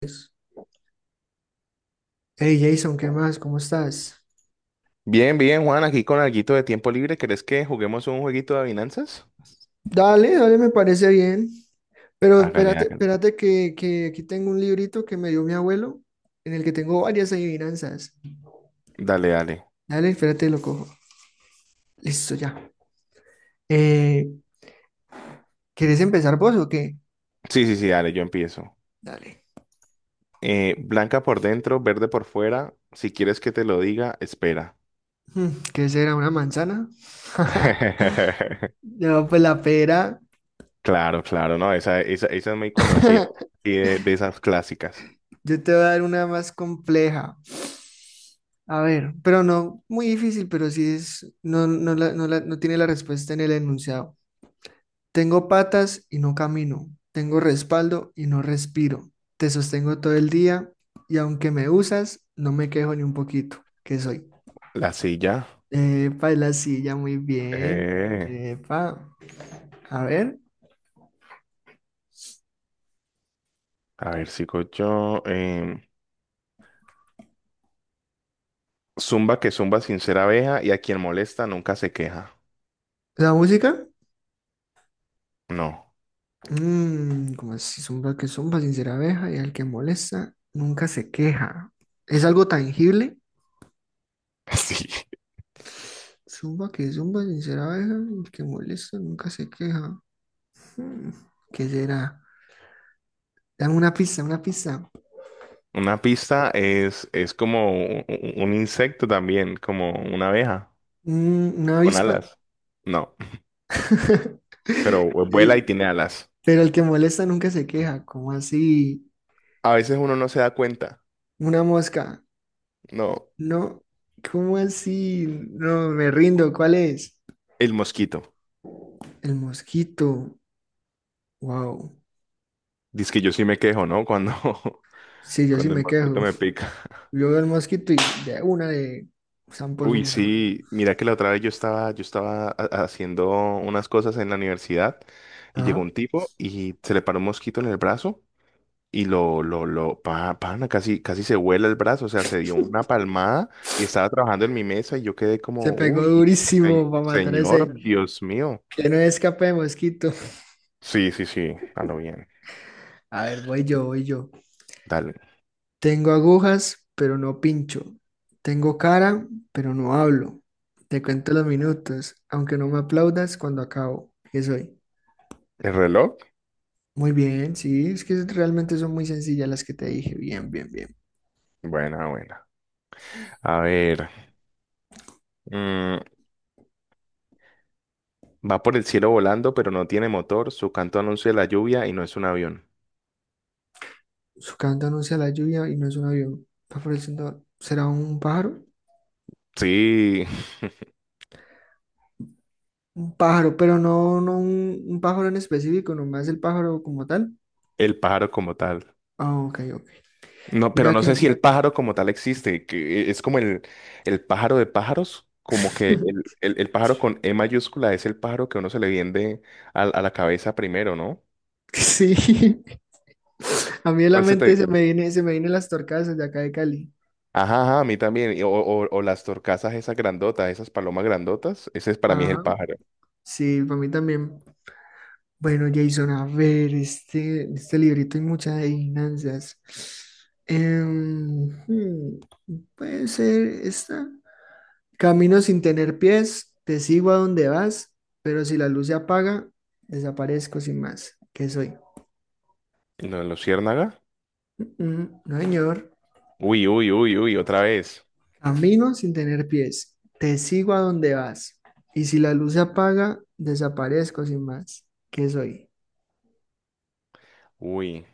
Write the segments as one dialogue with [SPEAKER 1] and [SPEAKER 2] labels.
[SPEAKER 1] Pues, hey Jason, ¿qué más? ¿Cómo estás?
[SPEAKER 2] Bien, bien, Juan, aquí con alguito de tiempo libre. ¿Querés que juguemos un jueguito de adivinanzas?
[SPEAKER 1] Dale, dale, me parece bien. Pero
[SPEAKER 2] Hágale,
[SPEAKER 1] espérate,
[SPEAKER 2] hágale.
[SPEAKER 1] espérate que aquí tengo un librito que me dio mi abuelo, en el que tengo varias adivinanzas.
[SPEAKER 2] Dale, dale.
[SPEAKER 1] Dale, espérate, lo cojo. Listo, ya. Eh, ¿Quieres empezar vos o qué?
[SPEAKER 2] Sí, sí, sí, dale, yo empiezo.
[SPEAKER 1] Dale.
[SPEAKER 2] Blanca por dentro, verde por fuera. Si quieres que te lo diga, espera.
[SPEAKER 1] Hmm, ¿Qué será? ¿Una manzana? No, pues la pera.
[SPEAKER 2] Claro, claro, no, esa es muy conocida. Y de esas clásicas.
[SPEAKER 1] Yo te voy a dar una más compleja. A ver, pero no muy difícil, pero sí es, no, no, no tiene la respuesta en el enunciado. Tengo patas y no camino, tengo respaldo y no respiro. Te sostengo todo el día y aunque me usas, no me quejo ni un poquito. ¿Qué soy?
[SPEAKER 2] La silla.
[SPEAKER 1] Epa, y la silla, muy bien.
[SPEAKER 2] Eh,
[SPEAKER 1] Epa, a ver,
[SPEAKER 2] a ver, sigo yo. Zumba que zumba sin ser abeja y a quien molesta nunca se queja.
[SPEAKER 1] la música.
[SPEAKER 2] No.
[SPEAKER 1] Como así, zumba que zumba, sincera abeja y al que molesta nunca se queja. ¿Es algo tangible?
[SPEAKER 2] Sí.
[SPEAKER 1] Zumba que zumba, sincera abeja, y al que molesta nunca se queja. Hmm, ¿Qué será? Dame una pista, una pista.
[SPEAKER 2] Una pista es como un insecto también, como una abeja,
[SPEAKER 1] Una
[SPEAKER 2] con
[SPEAKER 1] avispa.
[SPEAKER 2] alas. No, pero vuela y
[SPEAKER 1] Eh,
[SPEAKER 2] tiene alas.
[SPEAKER 1] Pero el que molesta nunca se queja. ¿Cómo así?
[SPEAKER 2] A veces uno no se da cuenta.
[SPEAKER 1] Una mosca.
[SPEAKER 2] No,
[SPEAKER 1] No, ¿cómo así? No, me rindo. ¿Cuál es?
[SPEAKER 2] el mosquito.
[SPEAKER 1] El mosquito. Wow.
[SPEAKER 2] Dice que yo sí me quejo, ¿no? Cuando,
[SPEAKER 1] Sí, yo sí
[SPEAKER 2] cuando el
[SPEAKER 1] me
[SPEAKER 2] mosquito
[SPEAKER 1] quejo.
[SPEAKER 2] me pica.
[SPEAKER 1] Yo veo el mosquito y de una de zampo su
[SPEAKER 2] Uy,
[SPEAKER 1] mano.
[SPEAKER 2] sí, mira que la otra vez haciendo unas cosas en la universidad y llegó
[SPEAKER 1] Ajá.
[SPEAKER 2] un tipo y se le paró un mosquito en el brazo. Y lo, pana, casi, casi se vuela el brazo, o sea, se dio una palmada y estaba trabajando en mi mesa y yo quedé como,
[SPEAKER 1] Se pegó
[SPEAKER 2] uy,
[SPEAKER 1] durísimo para matar a ese.
[SPEAKER 2] señor, Dios mío.
[SPEAKER 1] Que no escape de mosquito.
[SPEAKER 2] Sí, sí, sí, a lo bien.
[SPEAKER 1] A ver, voy yo, voy yo.
[SPEAKER 2] Dale.
[SPEAKER 1] Tengo agujas, pero no pincho. Tengo cara, pero no hablo. Te cuento los minutos, aunque no me aplaudas cuando acabo. ¿Qué soy?
[SPEAKER 2] ¿El reloj?
[SPEAKER 1] Muy bien, sí, es que realmente son muy sencillas las que te dije. Bien, bien, bien.
[SPEAKER 2] Buena, buena. A ver, mm, va por el cielo volando, pero no tiene motor, su canto anuncia la lluvia y no es un avión.
[SPEAKER 1] Su canto anuncia la lluvia y no es un avión. Va floreciendo. ¿Será un pájaro?
[SPEAKER 2] Sí,
[SPEAKER 1] Un pájaro, pero no, no un pájaro en específico, nomás el pájaro como tal.
[SPEAKER 2] el pájaro como tal.
[SPEAKER 1] Ah, ok, ok.
[SPEAKER 2] No, pero
[SPEAKER 1] Mira
[SPEAKER 2] no
[SPEAKER 1] que...
[SPEAKER 2] sé si el pájaro como tal existe, que es como el pájaro de pájaros, como que el pájaro con E mayúscula es el pájaro que uno se le viene a la cabeza primero, ¿no?
[SPEAKER 1] Sí, a mí en la
[SPEAKER 2] ¿Cuál se
[SPEAKER 1] mente se
[SPEAKER 2] te...?
[SPEAKER 1] me viene, se me vienen las torcadas de acá de Cali.
[SPEAKER 2] Ajá, ajá, a mí también. Y o las torcazas esas grandotas, esas palomas grandotas, ese es, para mí es el
[SPEAKER 1] Ajá,
[SPEAKER 2] pájaro.
[SPEAKER 1] sí, para mí también. Bueno, Jason, a ver, este librito hay muchas adivinanzas. Em, hmm, Puede ser esta. Camino sin tener pies, te sigo a donde vas, pero si la luz se apaga, desaparezco sin más. ¿Qué soy?
[SPEAKER 2] ¿No, luciérnaga?
[SPEAKER 1] Mm, mm, no, señor.
[SPEAKER 2] Uy, uy, uy, uy, otra vez.
[SPEAKER 1] Camino sin tener pies, te sigo a donde vas, y si la luz se apaga, desaparezco sin más. ¿Qué soy?
[SPEAKER 2] Uy,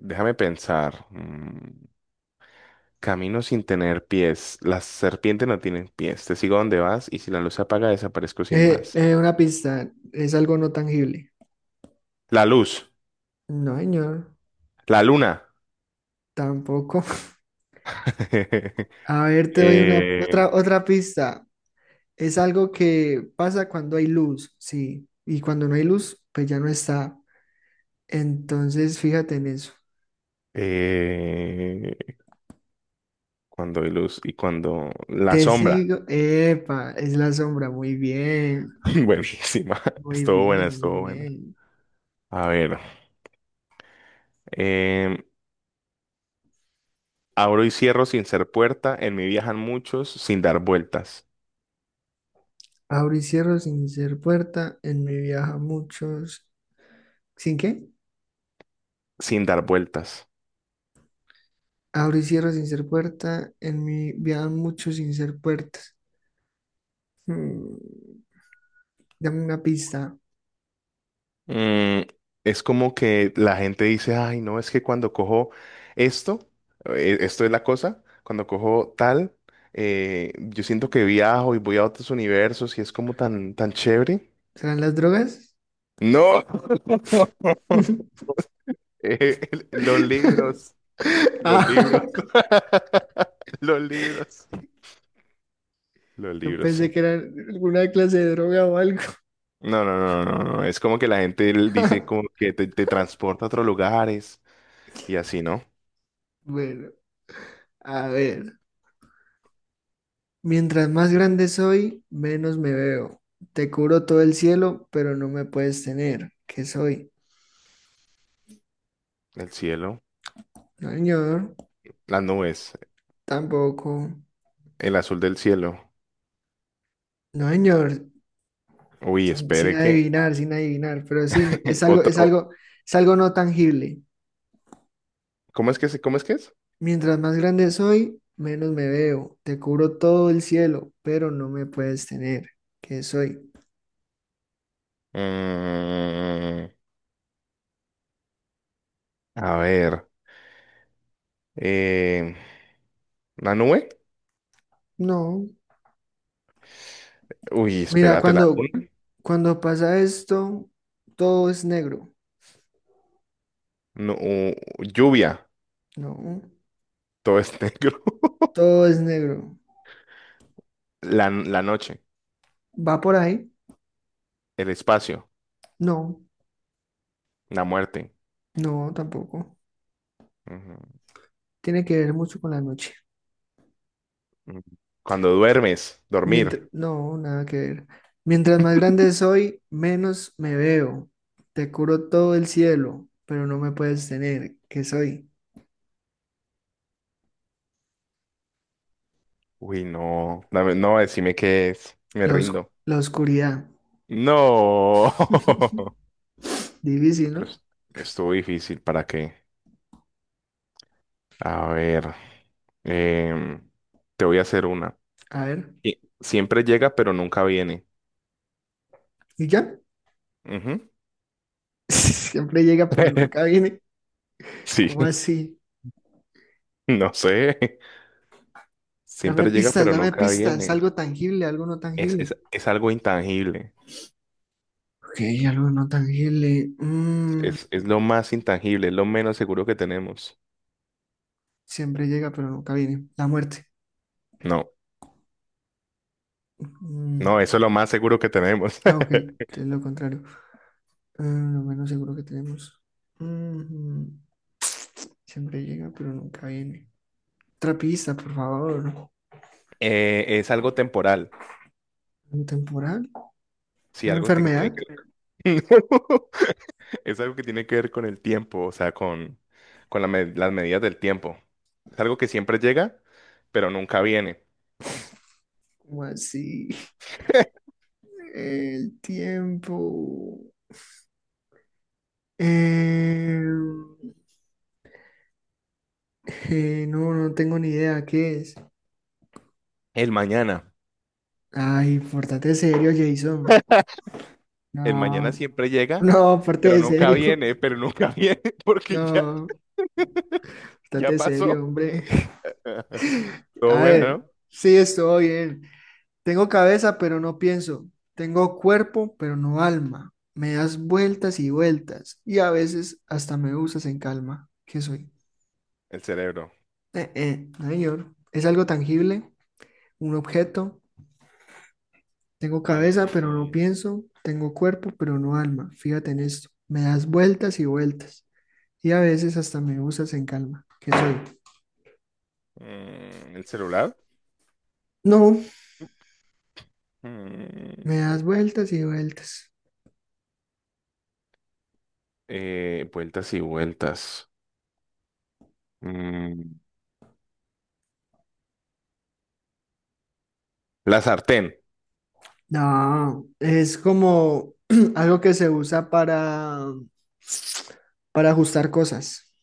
[SPEAKER 2] déjame pensar. Mm, camino sin tener pies. Las serpientes no tienen pies. Te sigo donde vas y si la luz se apaga, desaparezco sin más.
[SPEAKER 1] Una pista, es algo no tangible.
[SPEAKER 2] La luz,
[SPEAKER 1] No, señor,
[SPEAKER 2] la luna.
[SPEAKER 1] tampoco. A ver, te doy una
[SPEAKER 2] Eh,
[SPEAKER 1] otra pista. Es algo que pasa cuando hay luz, sí. Y cuando no hay luz, pues ya no está. Entonces, fíjate en eso.
[SPEAKER 2] eh, Cuando hay luz y cuando la
[SPEAKER 1] Te
[SPEAKER 2] sombra.
[SPEAKER 1] sigo. Epa, es la sombra. Muy bien.
[SPEAKER 2] Buenísima.
[SPEAKER 1] Muy
[SPEAKER 2] Estuvo buena,
[SPEAKER 1] bien, muy
[SPEAKER 2] estuvo buena.
[SPEAKER 1] bien.
[SPEAKER 2] A ver. em, Abro y cierro sin ser puerta. En mí viajan muchos sin dar vueltas.
[SPEAKER 1] Abro y cierro sin ser puerta. En mi viaja muchos. ¿Sin qué?
[SPEAKER 2] Sin dar vueltas.
[SPEAKER 1] Abro y cierro sin ser puerta. En mi viajan muchos sin ser puertas. Mm, dame una pista.
[SPEAKER 2] Mm, es como que la gente dice, ay, no, es que cuando cojo esto, esto es la cosa, cuando cojo tal, yo siento que viajo y voy a otros universos y es como tan, tan chévere.
[SPEAKER 1] ¿Serán las drogas?
[SPEAKER 2] No, Eh, los libros, los libros,
[SPEAKER 1] Ah,
[SPEAKER 2] los libros, los
[SPEAKER 1] yo
[SPEAKER 2] libros,
[SPEAKER 1] pensé
[SPEAKER 2] sí.
[SPEAKER 1] que era alguna clase de droga o algo.
[SPEAKER 2] No, no, no, no, no, es como que la gente dice como que te transporta a otros lugares y así, ¿no?
[SPEAKER 1] Bueno, a ver. Mientras más grande soy, menos me veo. Te cubro todo el cielo, pero no me puedes tener. ¿Qué soy?
[SPEAKER 2] El cielo,
[SPEAKER 1] No, señor.
[SPEAKER 2] las nubes,
[SPEAKER 1] Tampoco.
[SPEAKER 2] el azul del cielo.
[SPEAKER 1] No, señor.
[SPEAKER 2] Uy,
[SPEAKER 1] Sin
[SPEAKER 2] espere que
[SPEAKER 1] adivinar, sin adivinar. Pero sí,
[SPEAKER 2] otro.
[SPEAKER 1] es algo no tangible.
[SPEAKER 2] ¿Cómo es que cómo es que es?
[SPEAKER 1] Mientras más grande soy, menos me veo. Te cubro todo el cielo, pero no me puedes tener. ¿Qué soy?
[SPEAKER 2] Mm, a ver, eh, ¿la nube?
[SPEAKER 1] No.
[SPEAKER 2] Uy,
[SPEAKER 1] Mira,
[SPEAKER 2] espérate, la
[SPEAKER 1] cuando,
[SPEAKER 2] luna.
[SPEAKER 1] cuando pasa esto, todo es negro.
[SPEAKER 2] No, lluvia.
[SPEAKER 1] No.
[SPEAKER 2] Todo es negro.
[SPEAKER 1] Todo es negro.
[SPEAKER 2] La noche,
[SPEAKER 1] ¿Va por ahí?
[SPEAKER 2] el espacio,
[SPEAKER 1] No.
[SPEAKER 2] la muerte.
[SPEAKER 1] No, tampoco.
[SPEAKER 2] Ujú,
[SPEAKER 1] Tiene que ver mucho con la noche.
[SPEAKER 2] ujú. Cuando duermes, dormir.
[SPEAKER 1] Mientras, no, nada que ver. Mientras más grande soy, menos me veo. Te cubro todo el cielo, pero no me puedes tener. ¿Qué soy?
[SPEAKER 2] Uy, no, no, decime qué es. Me
[SPEAKER 1] La, os-
[SPEAKER 2] rindo.
[SPEAKER 1] la oscuridad.
[SPEAKER 2] No.
[SPEAKER 1] Difícil,
[SPEAKER 2] Pero
[SPEAKER 1] ¿no?
[SPEAKER 2] estuvo difícil, ¿para qué? A ver, em, te voy a hacer una.
[SPEAKER 1] A ver,
[SPEAKER 2] Y siempre llega, pero nunca viene.
[SPEAKER 1] ¿y ya?
[SPEAKER 2] Ujú.
[SPEAKER 1] Siempre llega, pero nunca viene.
[SPEAKER 2] Sí,
[SPEAKER 1] ¿Cómo así?
[SPEAKER 2] no sé. Siempre llega, pero
[SPEAKER 1] Dame
[SPEAKER 2] nunca
[SPEAKER 1] pistas,
[SPEAKER 2] viene.
[SPEAKER 1] algo tangible, algo no
[SPEAKER 2] Es,
[SPEAKER 1] tangible.
[SPEAKER 2] es, es algo intangible.
[SPEAKER 1] Ok, algo no tangible.
[SPEAKER 2] Es lo más intangible, es lo menos seguro que tenemos.
[SPEAKER 1] Siempre llega, pero nunca viene. La muerte.
[SPEAKER 2] No,
[SPEAKER 1] Mm,
[SPEAKER 2] no, eso es lo más seguro que tenemos.
[SPEAKER 1] ah, ok, es lo contrario. Lo menos seguro que tenemos. Mm, siempre llega, pero nunca viene. Otra pista, por favor.
[SPEAKER 2] Es algo temporal.
[SPEAKER 1] ¿Un temporal?
[SPEAKER 2] Sí,
[SPEAKER 1] ¿Una
[SPEAKER 2] algo que tiene que
[SPEAKER 1] enfermedad?
[SPEAKER 2] ver. Es algo que tiene que ver con el tiempo, o sea, con las medidas del tiempo. Es algo que siempre llega, pero nunca viene.
[SPEAKER 1] ¿Cómo así? El tiempo. Eh, no tengo ni idea qué es.
[SPEAKER 2] El mañana.
[SPEAKER 1] Ay, pórtate serio, Jason.
[SPEAKER 2] El mañana
[SPEAKER 1] No,
[SPEAKER 2] siempre llega,
[SPEAKER 1] no,
[SPEAKER 2] pero
[SPEAKER 1] pórtate
[SPEAKER 2] nunca
[SPEAKER 1] serio.
[SPEAKER 2] viene, pero nunca viene, porque ya,
[SPEAKER 1] No,
[SPEAKER 2] ya
[SPEAKER 1] pórtate serio,
[SPEAKER 2] pasó.
[SPEAKER 1] hombre.
[SPEAKER 2] Todo
[SPEAKER 1] A
[SPEAKER 2] bueno,
[SPEAKER 1] ver,
[SPEAKER 2] ¿no?
[SPEAKER 1] sí, estoy bien. Tengo cabeza, pero no pienso. Tengo cuerpo, pero no alma. Me das vueltas y vueltas. Y a veces hasta me usas en calma. ¿Qué soy?
[SPEAKER 2] El cerebro.
[SPEAKER 1] No, señor. ¿Es algo tangible? ¿Un objeto? Tengo cabeza, pero no
[SPEAKER 2] Mm,
[SPEAKER 1] pienso. Tengo cuerpo, pero no alma. Fíjate en esto. Me das vueltas y vueltas. Y a veces hasta me usas en calma. ¿Qué soy?
[SPEAKER 2] mm, el celular.
[SPEAKER 1] No,
[SPEAKER 2] Mm,
[SPEAKER 1] me das vueltas y vueltas.
[SPEAKER 2] vueltas y vueltas. Mm, la sartén.
[SPEAKER 1] No, es como algo que se usa para ajustar cosas.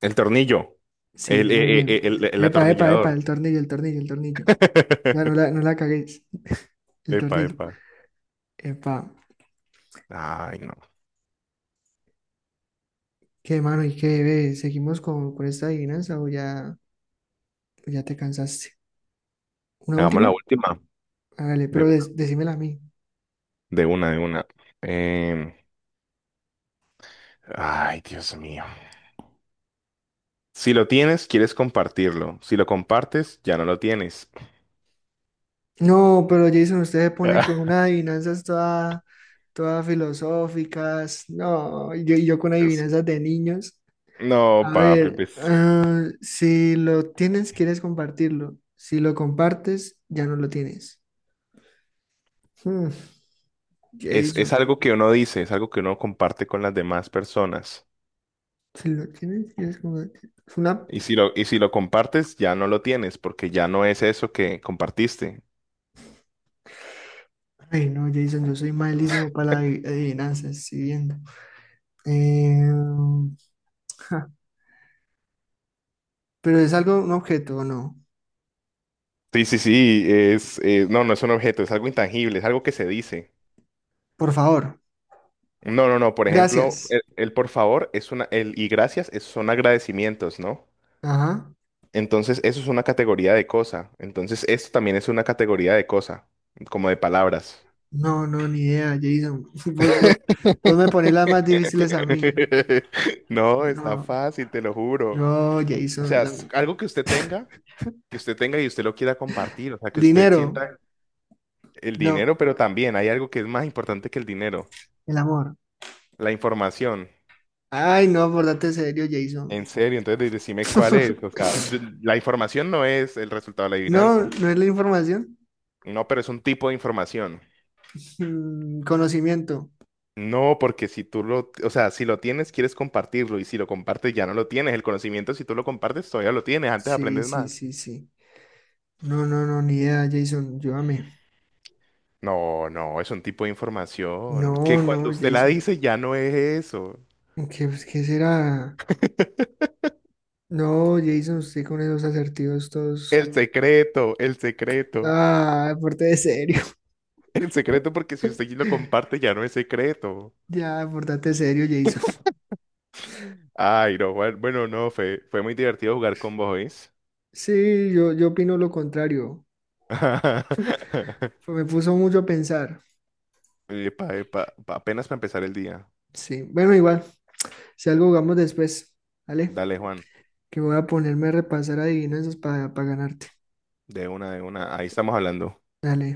[SPEAKER 2] El tornillo.
[SPEAKER 1] Sí, muy bien.
[SPEAKER 2] El
[SPEAKER 1] Epa, epa, epa,
[SPEAKER 2] atornillador.
[SPEAKER 1] el tornillo, el tornillo, el tornillo. Ya no la, no la caguéis. El
[SPEAKER 2] Epa,
[SPEAKER 1] tornillo.
[SPEAKER 2] epa.
[SPEAKER 1] Epa,
[SPEAKER 2] Ay, no.
[SPEAKER 1] qué mano y qué ve. ¿Seguimos con esta adivinanza o ya te cansaste? ¿Una
[SPEAKER 2] Hagamos la
[SPEAKER 1] última?
[SPEAKER 2] última.
[SPEAKER 1] Hágale,
[SPEAKER 2] De
[SPEAKER 1] pero
[SPEAKER 2] una,
[SPEAKER 1] decímela a mí.
[SPEAKER 2] de una. Em, ay, Dios mío. Si lo tienes, quieres compartirlo. Si lo compartes, ya no lo tienes.
[SPEAKER 1] No, pero Jason, usted se pone con
[SPEAKER 2] Ah,
[SPEAKER 1] unas adivinanzas todas toda filosóficas. No, y yo con
[SPEAKER 2] es-
[SPEAKER 1] adivinanzas de niños.
[SPEAKER 2] no,
[SPEAKER 1] A
[SPEAKER 2] papi,
[SPEAKER 1] ver,
[SPEAKER 2] pues,
[SPEAKER 1] ah, si lo tienes, quieres compartirlo. Si lo compartes, ya no lo tienes. Hmm, Jason,
[SPEAKER 2] Es algo que uno dice, es algo que uno comparte con las demás personas.
[SPEAKER 1] si lo tienes, quieres compartirlo. Es una...
[SPEAKER 2] Y si lo compartes, ya no lo tienes, porque ya no es eso que compartiste.
[SPEAKER 1] Ay, no, Jason, yo soy malísimo para las adivinanzas, si viendo. Eh, ja, pero es algo, un objeto, ¿o no?
[SPEAKER 2] Sí, sí, sí, no, no es un objeto, es algo intangible, es algo que se dice.
[SPEAKER 1] Por favor.
[SPEAKER 2] No, no, no. Por ejemplo,
[SPEAKER 1] Gracias.
[SPEAKER 2] el por favor es una, el y gracias son agradecimientos, ¿no?
[SPEAKER 1] Ajá.
[SPEAKER 2] Entonces, eso es una categoría de cosa. Entonces, esto también es una categoría de cosa, como de palabras.
[SPEAKER 1] No, no, ni idea, Jason. Vos, vos- vos me pones las más difíciles a mí.
[SPEAKER 2] No, está
[SPEAKER 1] No,
[SPEAKER 2] fácil, te lo juro.
[SPEAKER 1] no,
[SPEAKER 2] O
[SPEAKER 1] Jason.
[SPEAKER 2] sea,
[SPEAKER 1] la-
[SPEAKER 2] algo que usted tenga y usted lo quiera compartir, o sea,
[SPEAKER 1] el
[SPEAKER 2] que usted
[SPEAKER 1] dinero.
[SPEAKER 2] sienta el
[SPEAKER 1] No,
[SPEAKER 2] dinero, pero también hay algo que es más importante que el dinero,
[SPEAKER 1] el amor.
[SPEAKER 2] la información.
[SPEAKER 1] Ay, no, pórtate serio, Jason.
[SPEAKER 2] En serio, entonces decime cuál es. O sea, la información no es el resultado de la
[SPEAKER 1] No,
[SPEAKER 2] adivinanza.
[SPEAKER 1] no es la información.
[SPEAKER 2] No, pero es un tipo de información.
[SPEAKER 1] Conocimiento.
[SPEAKER 2] No, porque si tú lo, o sea, si lo tienes, quieres compartirlo y si lo compartes, ya no lo tienes. El conocimiento, si tú lo compartes, todavía lo tienes, antes
[SPEAKER 1] Sí,
[SPEAKER 2] aprendes
[SPEAKER 1] sí,
[SPEAKER 2] más.
[SPEAKER 1] sí, sí. No, no, no, ni idea, Jason. Llévame.
[SPEAKER 2] No, no, es un tipo de información
[SPEAKER 1] No,
[SPEAKER 2] que cuando
[SPEAKER 1] no,
[SPEAKER 2] usted la
[SPEAKER 1] Jason.
[SPEAKER 2] dice ya no es eso.
[SPEAKER 1] ¿Qué será? No, Jason, usted con esos asertivos todos.
[SPEAKER 2] El secreto, el secreto,
[SPEAKER 1] Ah, pórtate serio.
[SPEAKER 2] el secreto porque si usted lo comparte ya no es secreto.
[SPEAKER 1] Ya, portate serio, Jason.
[SPEAKER 2] Ay, no, Juan, bueno, no, fue muy divertido jugar con vos, ¿oís?
[SPEAKER 1] Sí, yo opino lo contrario. Me puso mucho a pensar.
[SPEAKER 2] Epa, epa, apenas para empezar el día.
[SPEAKER 1] Sí, bueno, igual, si algo jugamos después, ¿vale?
[SPEAKER 2] Dale, Juan.
[SPEAKER 1] Que voy a ponerme a repasar adivinanzas para ganarte.
[SPEAKER 2] De una, de una. Ahí estamos hablando.
[SPEAKER 1] Dale.